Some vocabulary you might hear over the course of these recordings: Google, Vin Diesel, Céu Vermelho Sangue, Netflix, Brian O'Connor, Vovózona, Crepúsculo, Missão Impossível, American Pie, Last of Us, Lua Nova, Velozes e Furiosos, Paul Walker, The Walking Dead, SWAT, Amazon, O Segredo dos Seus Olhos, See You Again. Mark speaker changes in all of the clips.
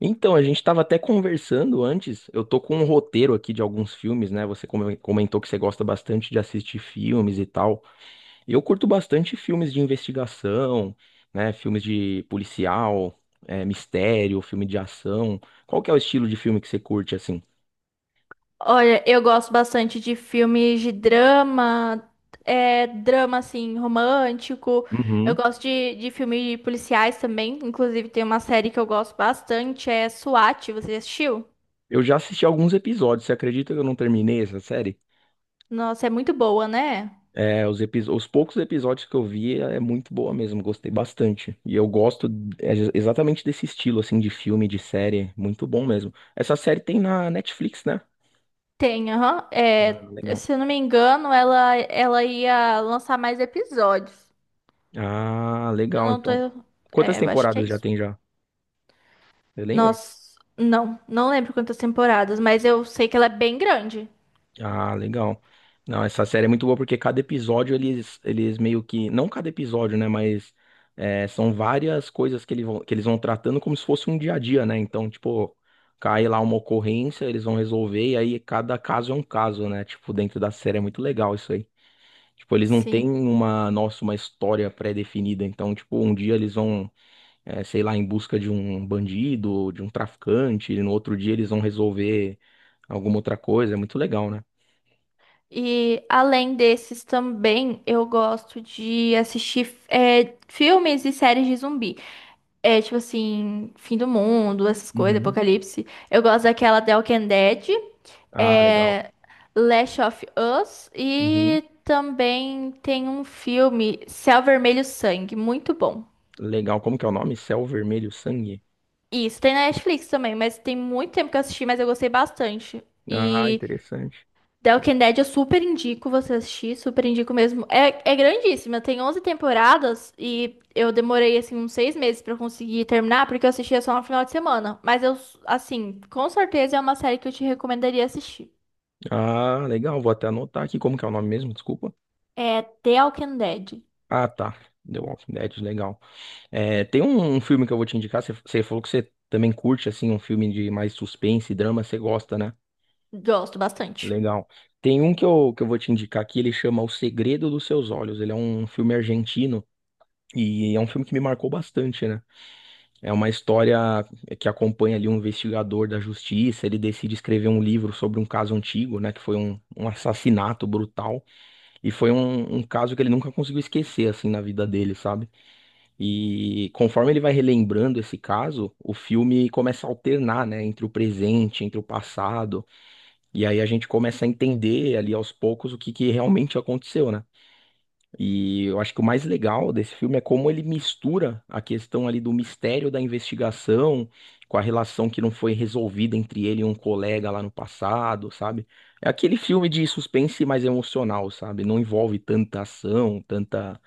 Speaker 1: Então, a gente estava até conversando antes. Eu tô com um roteiro aqui de alguns filmes, né? Você comentou que você gosta bastante de assistir filmes e tal. Eu curto bastante filmes de investigação, né? Filmes de policial, mistério, filme de ação. Qual que é o estilo de filme que você curte, assim?
Speaker 2: Olha, eu gosto bastante de filmes de drama, drama assim, romântico. Eu
Speaker 1: Uhum.
Speaker 2: gosto de filmes policiais também. Inclusive, tem uma série que eu gosto bastante, é SWAT. Você já assistiu?
Speaker 1: Eu já assisti alguns episódios. Você acredita que eu não terminei essa série?
Speaker 2: Nossa, é muito boa, né?
Speaker 1: É, os, os poucos episódios que eu vi é muito boa mesmo, gostei bastante. E eu gosto exatamente desse estilo, assim, de filme, de série, muito bom mesmo. Essa série tem na Netflix, né?
Speaker 2: Tem, aham.
Speaker 1: Ah, legal.
Speaker 2: Se eu não me engano, ela ia lançar mais episódios.
Speaker 1: Ah,
Speaker 2: Eu
Speaker 1: legal,
Speaker 2: não tô.
Speaker 1: então. Quantas
Speaker 2: Eu acho que é
Speaker 1: temporadas já
Speaker 2: isso.
Speaker 1: tem já? Você lembra?
Speaker 2: Nossa, não, não lembro quantas temporadas, mas eu sei que ela é bem grande.
Speaker 1: Ah, legal. Não, essa série é muito boa porque cada episódio eles, eles meio que. Não cada episódio, né? Mas são várias coisas que, que eles vão tratando como se fosse um dia a dia, né? Então, tipo, cai lá uma ocorrência, eles vão resolver, e aí cada caso é um caso, né? Tipo, dentro da série é muito legal isso aí. Tipo, eles não têm
Speaker 2: Sim.
Speaker 1: uma, nossa, uma história pré-definida. Então, tipo, um dia eles vão, sei lá, em busca de um bandido, de um traficante, e no outro dia eles vão resolver alguma outra coisa. É muito legal, né?
Speaker 2: E além desses também, eu gosto de assistir filmes e séries de zumbi. É tipo assim, fim do mundo, essas coisas,
Speaker 1: Uhum.
Speaker 2: apocalipse. Eu gosto daquela The Walking Dead,
Speaker 1: Ah, legal.
Speaker 2: é, Last of Us
Speaker 1: Uhum.
Speaker 2: e também tem um filme Céu Vermelho Sangue, muito bom.
Speaker 1: Legal. Como que é o nome? Céu Vermelho Sangue.
Speaker 2: Isso, tem na Netflix também, mas tem muito tempo que eu assisti, mas eu gostei bastante.
Speaker 1: Ah,
Speaker 2: E
Speaker 1: interessante.
Speaker 2: The Walking Dead eu super indico você assistir, super indico mesmo. É grandíssima, tem 11 temporadas e eu demorei, assim, uns 6 meses pra conseguir terminar, porque eu assistia só no final de semana. Mas eu, assim, com certeza é uma série que eu te recomendaria assistir.
Speaker 1: Ah, legal. Vou até anotar aqui como que é o nome mesmo, desculpa.
Speaker 2: É The Walking Dead.
Speaker 1: Ah, tá. The Walking Dead, legal. É, tem um, um filme que eu vou te indicar. Você falou que você também curte, assim, um filme de mais suspense e drama. Você gosta, né?
Speaker 2: Gosto bastante.
Speaker 1: Legal. Tem um que eu vou te indicar aqui. Ele chama O Segredo dos Seus Olhos. Ele é um filme argentino. E é um filme que me marcou bastante, né? É uma história que acompanha ali um investigador da justiça. Ele decide escrever um livro sobre um caso antigo, né? Que foi um, um assassinato brutal. E foi um, um caso que ele nunca conseguiu esquecer, assim, na vida dele, sabe? E conforme ele vai relembrando esse caso, o filme começa a alternar, né? Entre o presente, entre o passado. E aí a gente começa a entender ali aos poucos o que que realmente aconteceu, né? E eu acho que o mais legal desse filme é como ele mistura a questão ali do mistério da investigação com a relação que não foi resolvida entre ele e um colega lá no passado, sabe? É aquele filme de suspense mais emocional, sabe? Não envolve tanta ação, tanta.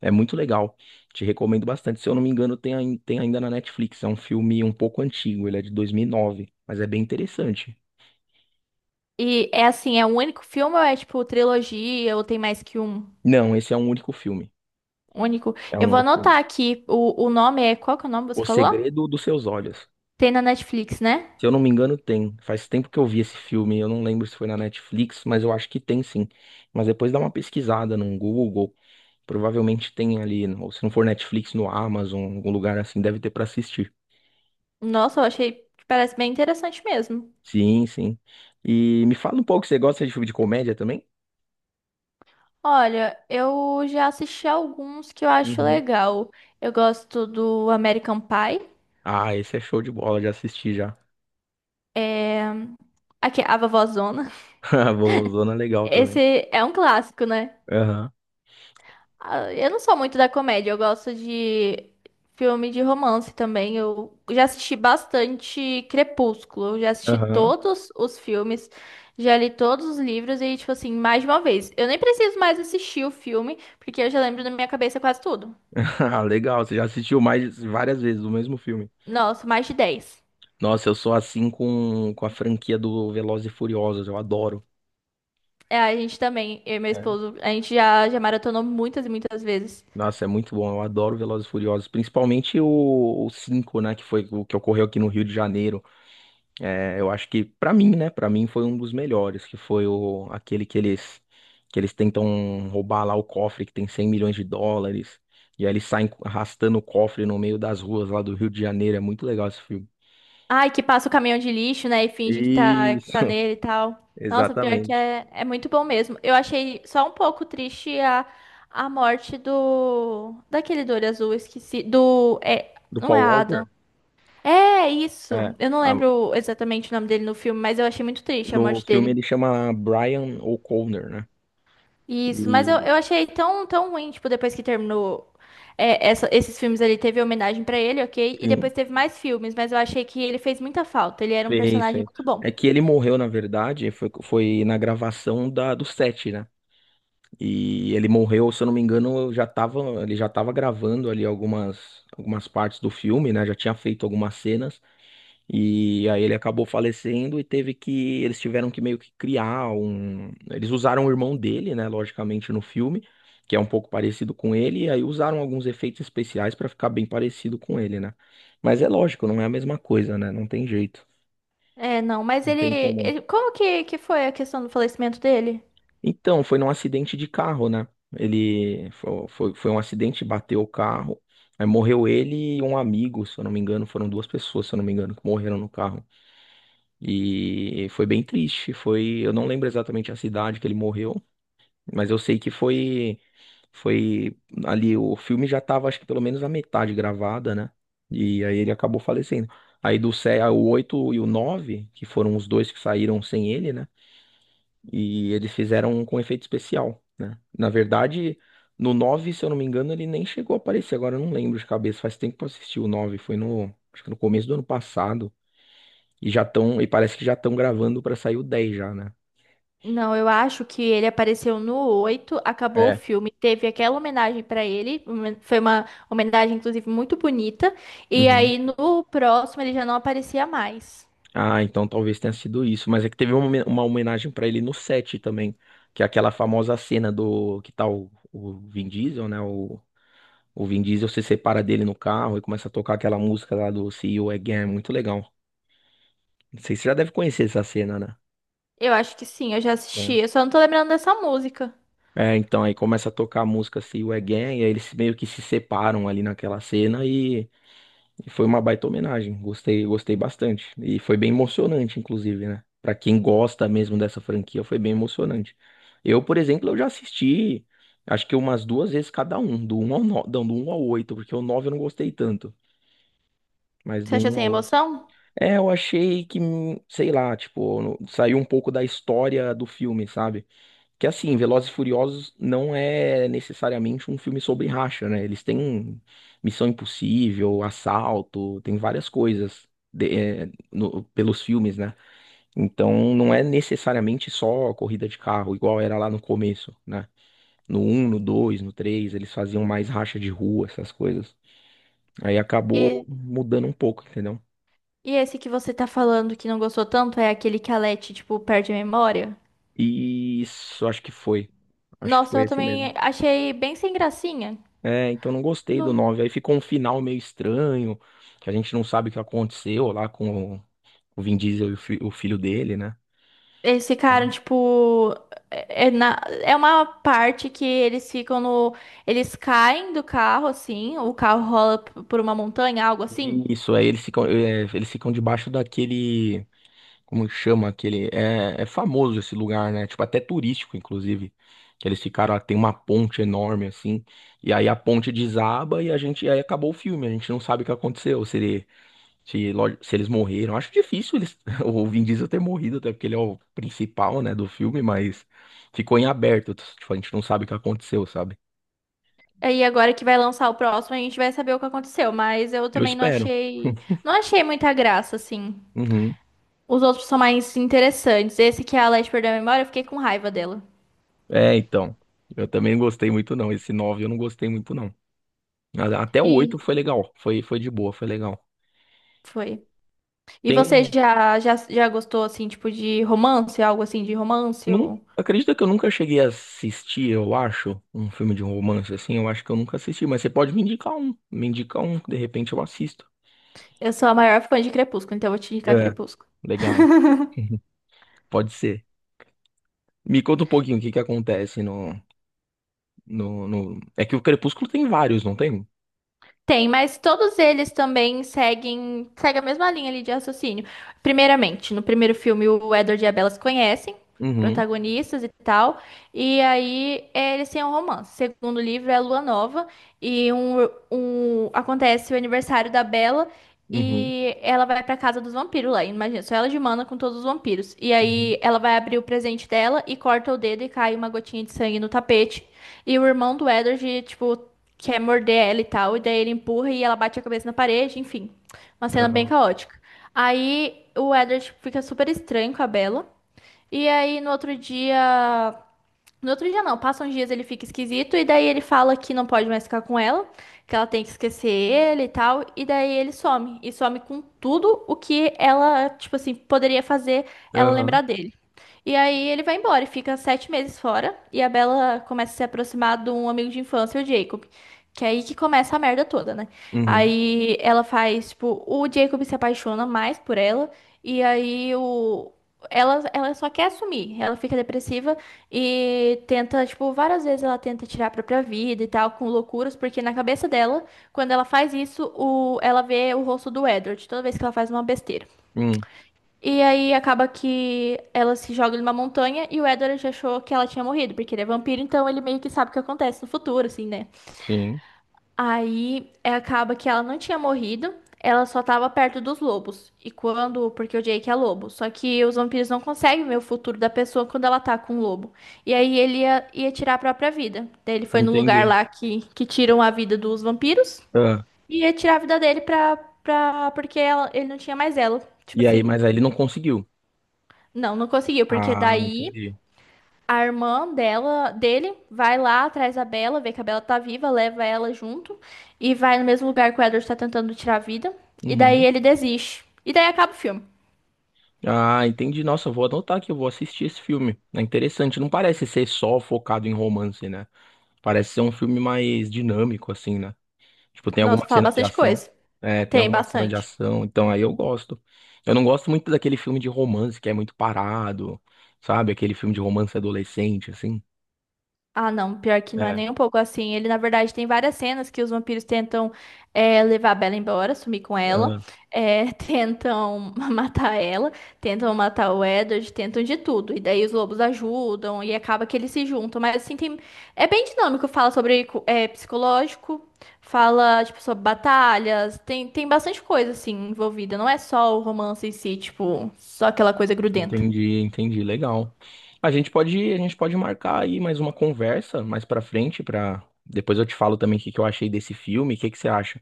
Speaker 1: É muito legal. Te recomendo bastante. Se eu não me engano, tem, tem ainda na Netflix. É um filme um pouco antigo, ele é de 2009, mas é bem interessante.
Speaker 2: E é assim, é um único filme ou é tipo trilogia ou tem mais que um
Speaker 1: Não, esse é um único filme.
Speaker 2: único?
Speaker 1: É
Speaker 2: Eu
Speaker 1: um
Speaker 2: vou
Speaker 1: único filme.
Speaker 2: anotar aqui o nome é. Qual que é o nome que você
Speaker 1: O
Speaker 2: falou?
Speaker 1: Segredo dos Seus Olhos.
Speaker 2: Tem na Netflix, né?
Speaker 1: Se eu não me engano, tem. Faz tempo que eu vi esse filme. Eu não lembro se foi na Netflix, mas eu acho que tem sim. Mas depois dá uma pesquisada no Google. Provavelmente tem ali. Ou se não for Netflix, no Amazon, algum lugar assim, deve ter pra assistir.
Speaker 2: Nossa, eu achei que parece bem interessante mesmo.
Speaker 1: Sim, sim. E me fala um pouco, você gosta de filme de comédia também?
Speaker 2: Olha, eu já assisti alguns que eu acho
Speaker 1: Uhum.
Speaker 2: legal. Eu gosto do American Pie.
Speaker 1: Ah, esse é show de bola, já assisti já.
Speaker 2: É... Aqui, a Vovózona.
Speaker 1: Vovozona é legal também.
Speaker 2: Esse é um clássico, né?
Speaker 1: Aham,
Speaker 2: Ah, eu não sou muito da comédia, eu gosto de filme de romance também. Eu já assisti bastante Crepúsculo, eu já assisti
Speaker 1: aham.
Speaker 2: todos os filmes, já li todos os livros e, tipo assim, mais de uma vez. Eu nem preciso mais assistir o filme, porque eu já lembro na minha cabeça quase tudo.
Speaker 1: Ah, legal, você já assistiu mais várias vezes o mesmo filme.
Speaker 2: Nossa, mais de 10.
Speaker 1: Nossa, eu sou assim com a franquia do Velozes e Furiosos, eu adoro.
Speaker 2: A gente também, eu e meu esposo, a gente já maratonou muitas e muitas vezes.
Speaker 1: Nossa, é muito bom. Eu adoro Velozes e Furiosos, principalmente o 5, né, que foi o que ocorreu aqui no Rio de Janeiro. É, eu acho que pra mim, né, para mim foi um dos melhores, que foi o aquele que eles tentam roubar lá o cofre que tem US$ 100 milhões e aí eles saem arrastando o cofre no meio das ruas lá do Rio de Janeiro. É muito legal esse filme.
Speaker 2: Ai, que passa o caminhão de lixo, né? E finge que tá
Speaker 1: Isso,
Speaker 2: nele e tal. Nossa, pior que
Speaker 1: exatamente.
Speaker 2: é muito bom mesmo. Eu achei só um pouco triste a morte do. Daquele do olho azul, esqueci. Do.
Speaker 1: Do
Speaker 2: Não é
Speaker 1: Paul
Speaker 2: Adam.
Speaker 1: Walker?
Speaker 2: É
Speaker 1: É,
Speaker 2: isso. Eu não
Speaker 1: a-
Speaker 2: lembro exatamente o nome dele no filme, mas eu achei muito triste a
Speaker 1: no
Speaker 2: morte
Speaker 1: filme
Speaker 2: dele.
Speaker 1: ele chama Brian O'Connor, né?
Speaker 2: Isso, mas eu,
Speaker 1: E
Speaker 2: eu achei tão, tão ruim, tipo, depois que terminou esses filmes ali, teve homenagem pra ele, ok? E
Speaker 1: sim,
Speaker 2: depois teve mais filmes, mas eu achei que ele fez muita falta. Ele era um
Speaker 1: fez,
Speaker 2: personagem
Speaker 1: fez.
Speaker 2: muito bom.
Speaker 1: É que ele morreu, na verdade, foi na gravação da, do set, né? E ele morreu, se eu não me engano, eu já tava, ele já tava gravando ali algumas partes do filme, né? Já tinha feito algumas cenas. E aí ele acabou falecendo e teve que. Eles tiveram que meio que criar um. Eles usaram o irmão dele, né? Logicamente, no filme, que é um pouco parecido com ele. E aí usaram alguns efeitos especiais pra ficar bem parecido com ele, né? Mas é lógico, não é a mesma coisa, né? Não tem jeito.
Speaker 2: Não, mas
Speaker 1: Não
Speaker 2: ele,
Speaker 1: tem como.
Speaker 2: como que foi a questão do falecimento dele?
Speaker 1: Então, foi num acidente de carro, né? Ele foi um acidente, bateu o carro. Aí morreu ele e um amigo, se eu não me engano, foram duas pessoas, se eu não me engano, que morreram no carro. E foi bem triste, foi, eu não lembro exatamente a cidade que ele morreu, mas eu sei que foi ali o filme já tava acho que pelo menos a metade gravada, né? E aí ele acabou falecendo. Aí o 8 e o 9 que foram os dois que saíram sem ele, né? E eles fizeram um com efeito especial, né? Na verdade, no 9, se eu não me engano, ele nem chegou a aparecer. Agora eu não lembro de cabeça. Faz tempo que eu assisti o 9, foi no, acho que no começo do ano passado. E já estão, e parece que já estão gravando pra sair o 10 já, né?
Speaker 2: Não, eu acho que ele apareceu no 8, acabou o
Speaker 1: É.
Speaker 2: filme, teve aquela homenagem pra ele, foi uma homenagem inclusive muito bonita, e
Speaker 1: Uhum.
Speaker 2: aí no próximo ele já não aparecia mais.
Speaker 1: Ah, então talvez tenha sido isso. Mas é que teve uma, uma homenagem pra ele no 7 também, que é aquela famosa cena do que tá o Vin Diesel, né? O Vin Diesel se separa dele no carro e começa a tocar aquela música lá do See You Again. Muito legal. Não sei se você já deve conhecer essa cena, né?
Speaker 2: Eu acho que sim, eu já assisti,
Speaker 1: né?
Speaker 2: eu só não tô lembrando dessa música.
Speaker 1: É, então aí começa a tocar a música See You Again, e aí eles meio que se separam ali naquela cena e foi uma baita homenagem. Gostei, gostei bastante. E foi bem emocionante, inclusive, né? Pra quem gosta mesmo dessa franquia, foi bem emocionante. Eu, por exemplo, eu já assisti, acho que umas duas vezes cada um, do um ao 9, não, do um ao 8 porque o 9 eu não gostei tanto, mas
Speaker 2: Você
Speaker 1: do
Speaker 2: acha
Speaker 1: um
Speaker 2: sem
Speaker 1: ao oito.
Speaker 2: emoção?
Speaker 1: É, eu achei que, sei lá, tipo, saiu um pouco da história do filme, sabe? Que assim, Velozes e Furiosos não é necessariamente um filme sobre racha, né? Eles têm Missão Impossível, Assalto, tem várias coisas de- pelos filmes, né? Então não é necessariamente só corrida de carro, igual era lá no começo, né? No um, no 2, no 3 eles faziam mais racha de rua, essas coisas. Aí acabou
Speaker 2: E,
Speaker 1: mudando um pouco, entendeu?
Speaker 2: e esse que você tá falando que não gostou tanto é aquele que a Leti, tipo, perde a memória?
Speaker 1: E isso, acho que foi. Acho que
Speaker 2: Nossa,
Speaker 1: foi
Speaker 2: eu
Speaker 1: esse mesmo.
Speaker 2: também achei bem sem gracinha.
Speaker 1: É, então não gostei do
Speaker 2: Não.
Speaker 1: nove. Aí ficou um final meio estranho, que a gente não sabe o que aconteceu lá com o Vin Diesel e o filho dele, né?
Speaker 2: Esse cara,
Speaker 1: Então,
Speaker 2: tipo, é uma parte que eles ficam no. Eles caem do carro, assim, o carro rola por uma montanha, algo assim.
Speaker 1: isso, aí eles ficam, eles ficam debaixo daquele, como que chama aquele, é é famoso esse lugar, né? Tipo, até turístico, inclusive, que eles ficaram, lá, tem uma ponte enorme, assim, e aí a ponte desaba e a gente, aí acabou o filme, a gente não sabe o que aconteceu. Se eles morreram, acho difícil eles, o Vin Diesel ter morrido, até porque ele é o principal, né, do filme, mas ficou em aberto. Tipo, a gente não sabe o que aconteceu, sabe?
Speaker 2: Aí agora que vai lançar o próximo, a gente vai saber o que aconteceu. Mas eu
Speaker 1: Eu
Speaker 2: também não
Speaker 1: espero.
Speaker 2: achei. Não achei muita graça, assim.
Speaker 1: Uhum.
Speaker 2: Os outros são mais interessantes. Esse que é a Leste perdeu a memória, eu fiquei com raiva dela.
Speaker 1: É, então. Eu também não gostei muito, não. Esse 9 eu não gostei muito, não. Até o 8
Speaker 2: E
Speaker 1: foi legal. Foi de boa, foi legal.
Speaker 2: foi. E
Speaker 1: Tem
Speaker 2: você
Speaker 1: um.
Speaker 2: já gostou, assim, tipo, de romance? Algo assim de romance?
Speaker 1: Não,
Speaker 2: Eu,
Speaker 1: acredita que eu nunca cheguei a assistir, eu acho, um filme de romance assim? Eu acho que eu nunca assisti, mas você pode me indicar um. Me indicar um, que de repente eu assisto.
Speaker 2: eu sou a maior fã de Crepúsculo, então eu vou te indicar
Speaker 1: É.
Speaker 2: Crepúsculo.
Speaker 1: Legal. Pode ser. Me conta um pouquinho o que que acontece no, é que o Crepúsculo tem vários, não tem?
Speaker 2: Tem, mas todos eles também seguem a mesma linha ali de raciocínio. Primeiramente, no primeiro filme, o Edward e a Bella se conhecem,
Speaker 1: Uhum,
Speaker 2: protagonistas e tal, e aí eles têm um romance. O segundo livro é Lua Nova, e acontece o aniversário da Bella,
Speaker 1: uhum,
Speaker 2: e ela vai pra casa dos vampiros lá. Imagina, só ela de mana com todos os vampiros. E
Speaker 1: uhum.
Speaker 2: aí ela vai abrir o presente dela e corta o dedo e cai uma gotinha de sangue no tapete. E o irmão do Edward, tipo, quer morder ela e tal, e daí ele empurra e ela bate a cabeça na parede, enfim. Uma cena bem
Speaker 1: Aham,
Speaker 2: caótica. Aí o Edward fica super estranho com a Bella. E aí no outro dia. No outro dia não, passam uns dias ele fica esquisito, e daí ele fala que não pode mais ficar com ela, que ela tem que esquecer ele e tal, e daí ele some. E some com tudo o que ela, tipo assim, poderia fazer ela
Speaker 1: aham,
Speaker 2: lembrar dele. E aí ele vai embora e fica 7 meses fora. E a Bella começa a se aproximar de um amigo de infância, o Jacob. Que é aí que começa a merda toda, né?
Speaker 1: uhum,
Speaker 2: Aí ela faz, tipo, o Jacob se apaixona mais por ela. E aí o. Ela só quer assumir, ela fica depressiva e tenta, tipo, várias vezes ela tenta tirar a própria vida e tal, com loucuras, porque na cabeça dela, quando ela faz isso, ela vê o rosto do Edward, toda vez que ela faz uma besteira.
Speaker 1: hum,
Speaker 2: E aí acaba que ela se joga numa montanha e o Edward já achou que ela tinha morrido, porque ele é vampiro, então ele meio que sabe o que acontece no futuro, assim, né?
Speaker 1: sim,
Speaker 2: Aí acaba que ela não tinha morrido, ela só tava perto dos lobos. E porque o Jake é lobo, só que os vampiros não conseguem ver o futuro da pessoa quando ela tá com um lobo. E aí ele ia tirar a própria vida. Daí ele foi no lugar
Speaker 1: entendi.
Speaker 2: lá que tiram a vida dos vampiros
Speaker 1: Ah,
Speaker 2: e ia tirar a vida dele porque ele não tinha mais ela. Tipo
Speaker 1: e aí,
Speaker 2: assim.
Speaker 1: mas aí ele não conseguiu.
Speaker 2: Não, não conseguiu, porque
Speaker 1: Ah,
Speaker 2: daí
Speaker 1: entendi.
Speaker 2: a irmã dele vai lá atrás da Bela, vê que a Bela tá viva, leva ela junto e vai no mesmo lugar que o Edward tá tentando tirar a vida. E daí
Speaker 1: Uhum.
Speaker 2: ele desiste. E daí acaba o filme.
Speaker 1: Ah, entendi. Nossa, eu vou anotar que eu vou assistir esse filme. É interessante. Não parece ser só focado em romance, né? Parece ser um filme mais dinâmico, assim, né? Tipo, tem
Speaker 2: Nossa,
Speaker 1: alguma
Speaker 2: fala
Speaker 1: cena de
Speaker 2: bastante
Speaker 1: ação.
Speaker 2: coisa.
Speaker 1: É, tem
Speaker 2: Tem
Speaker 1: alguma cena de
Speaker 2: bastante.
Speaker 1: ação. Então aí eu gosto. Eu não gosto muito daquele filme de romance que é muito parado, sabe? Aquele filme de romance adolescente, assim.
Speaker 2: Ah, não, pior que não é
Speaker 1: É,
Speaker 2: nem um pouco assim. Ele, na verdade, tem várias cenas que os vampiros tentam levar a Bella embora, sumir com ela,
Speaker 1: ah,
Speaker 2: tentam matar ela, tentam matar o Edward, tentam de tudo. E daí os lobos ajudam e acaba que eles se juntam. Mas assim, é bem dinâmico. Fala sobre psicológico, fala tipo, sobre batalhas, tem bastante coisa assim envolvida. Não é só o romance em si, tipo, só aquela coisa grudenta.
Speaker 1: entendi, entendi. Legal. A gente pode marcar aí mais uma conversa mais pra frente, para depois eu te falo também o que que eu achei desse filme, o que que você acha?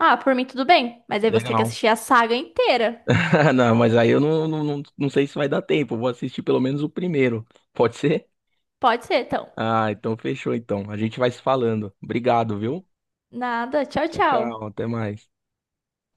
Speaker 2: Ah, por mim tudo bem, mas aí você tem que
Speaker 1: Legal.
Speaker 2: assistir a saga inteira.
Speaker 1: Não, mas aí eu não sei se vai dar tempo. Eu vou assistir pelo menos o primeiro. Pode ser?
Speaker 2: Pode ser, então.
Speaker 1: Ah, então fechou então. A gente vai se falando. Obrigado, viu?
Speaker 2: Nada. Tchau,
Speaker 1: Tchau, tchau.
Speaker 2: tchau.
Speaker 1: Até mais.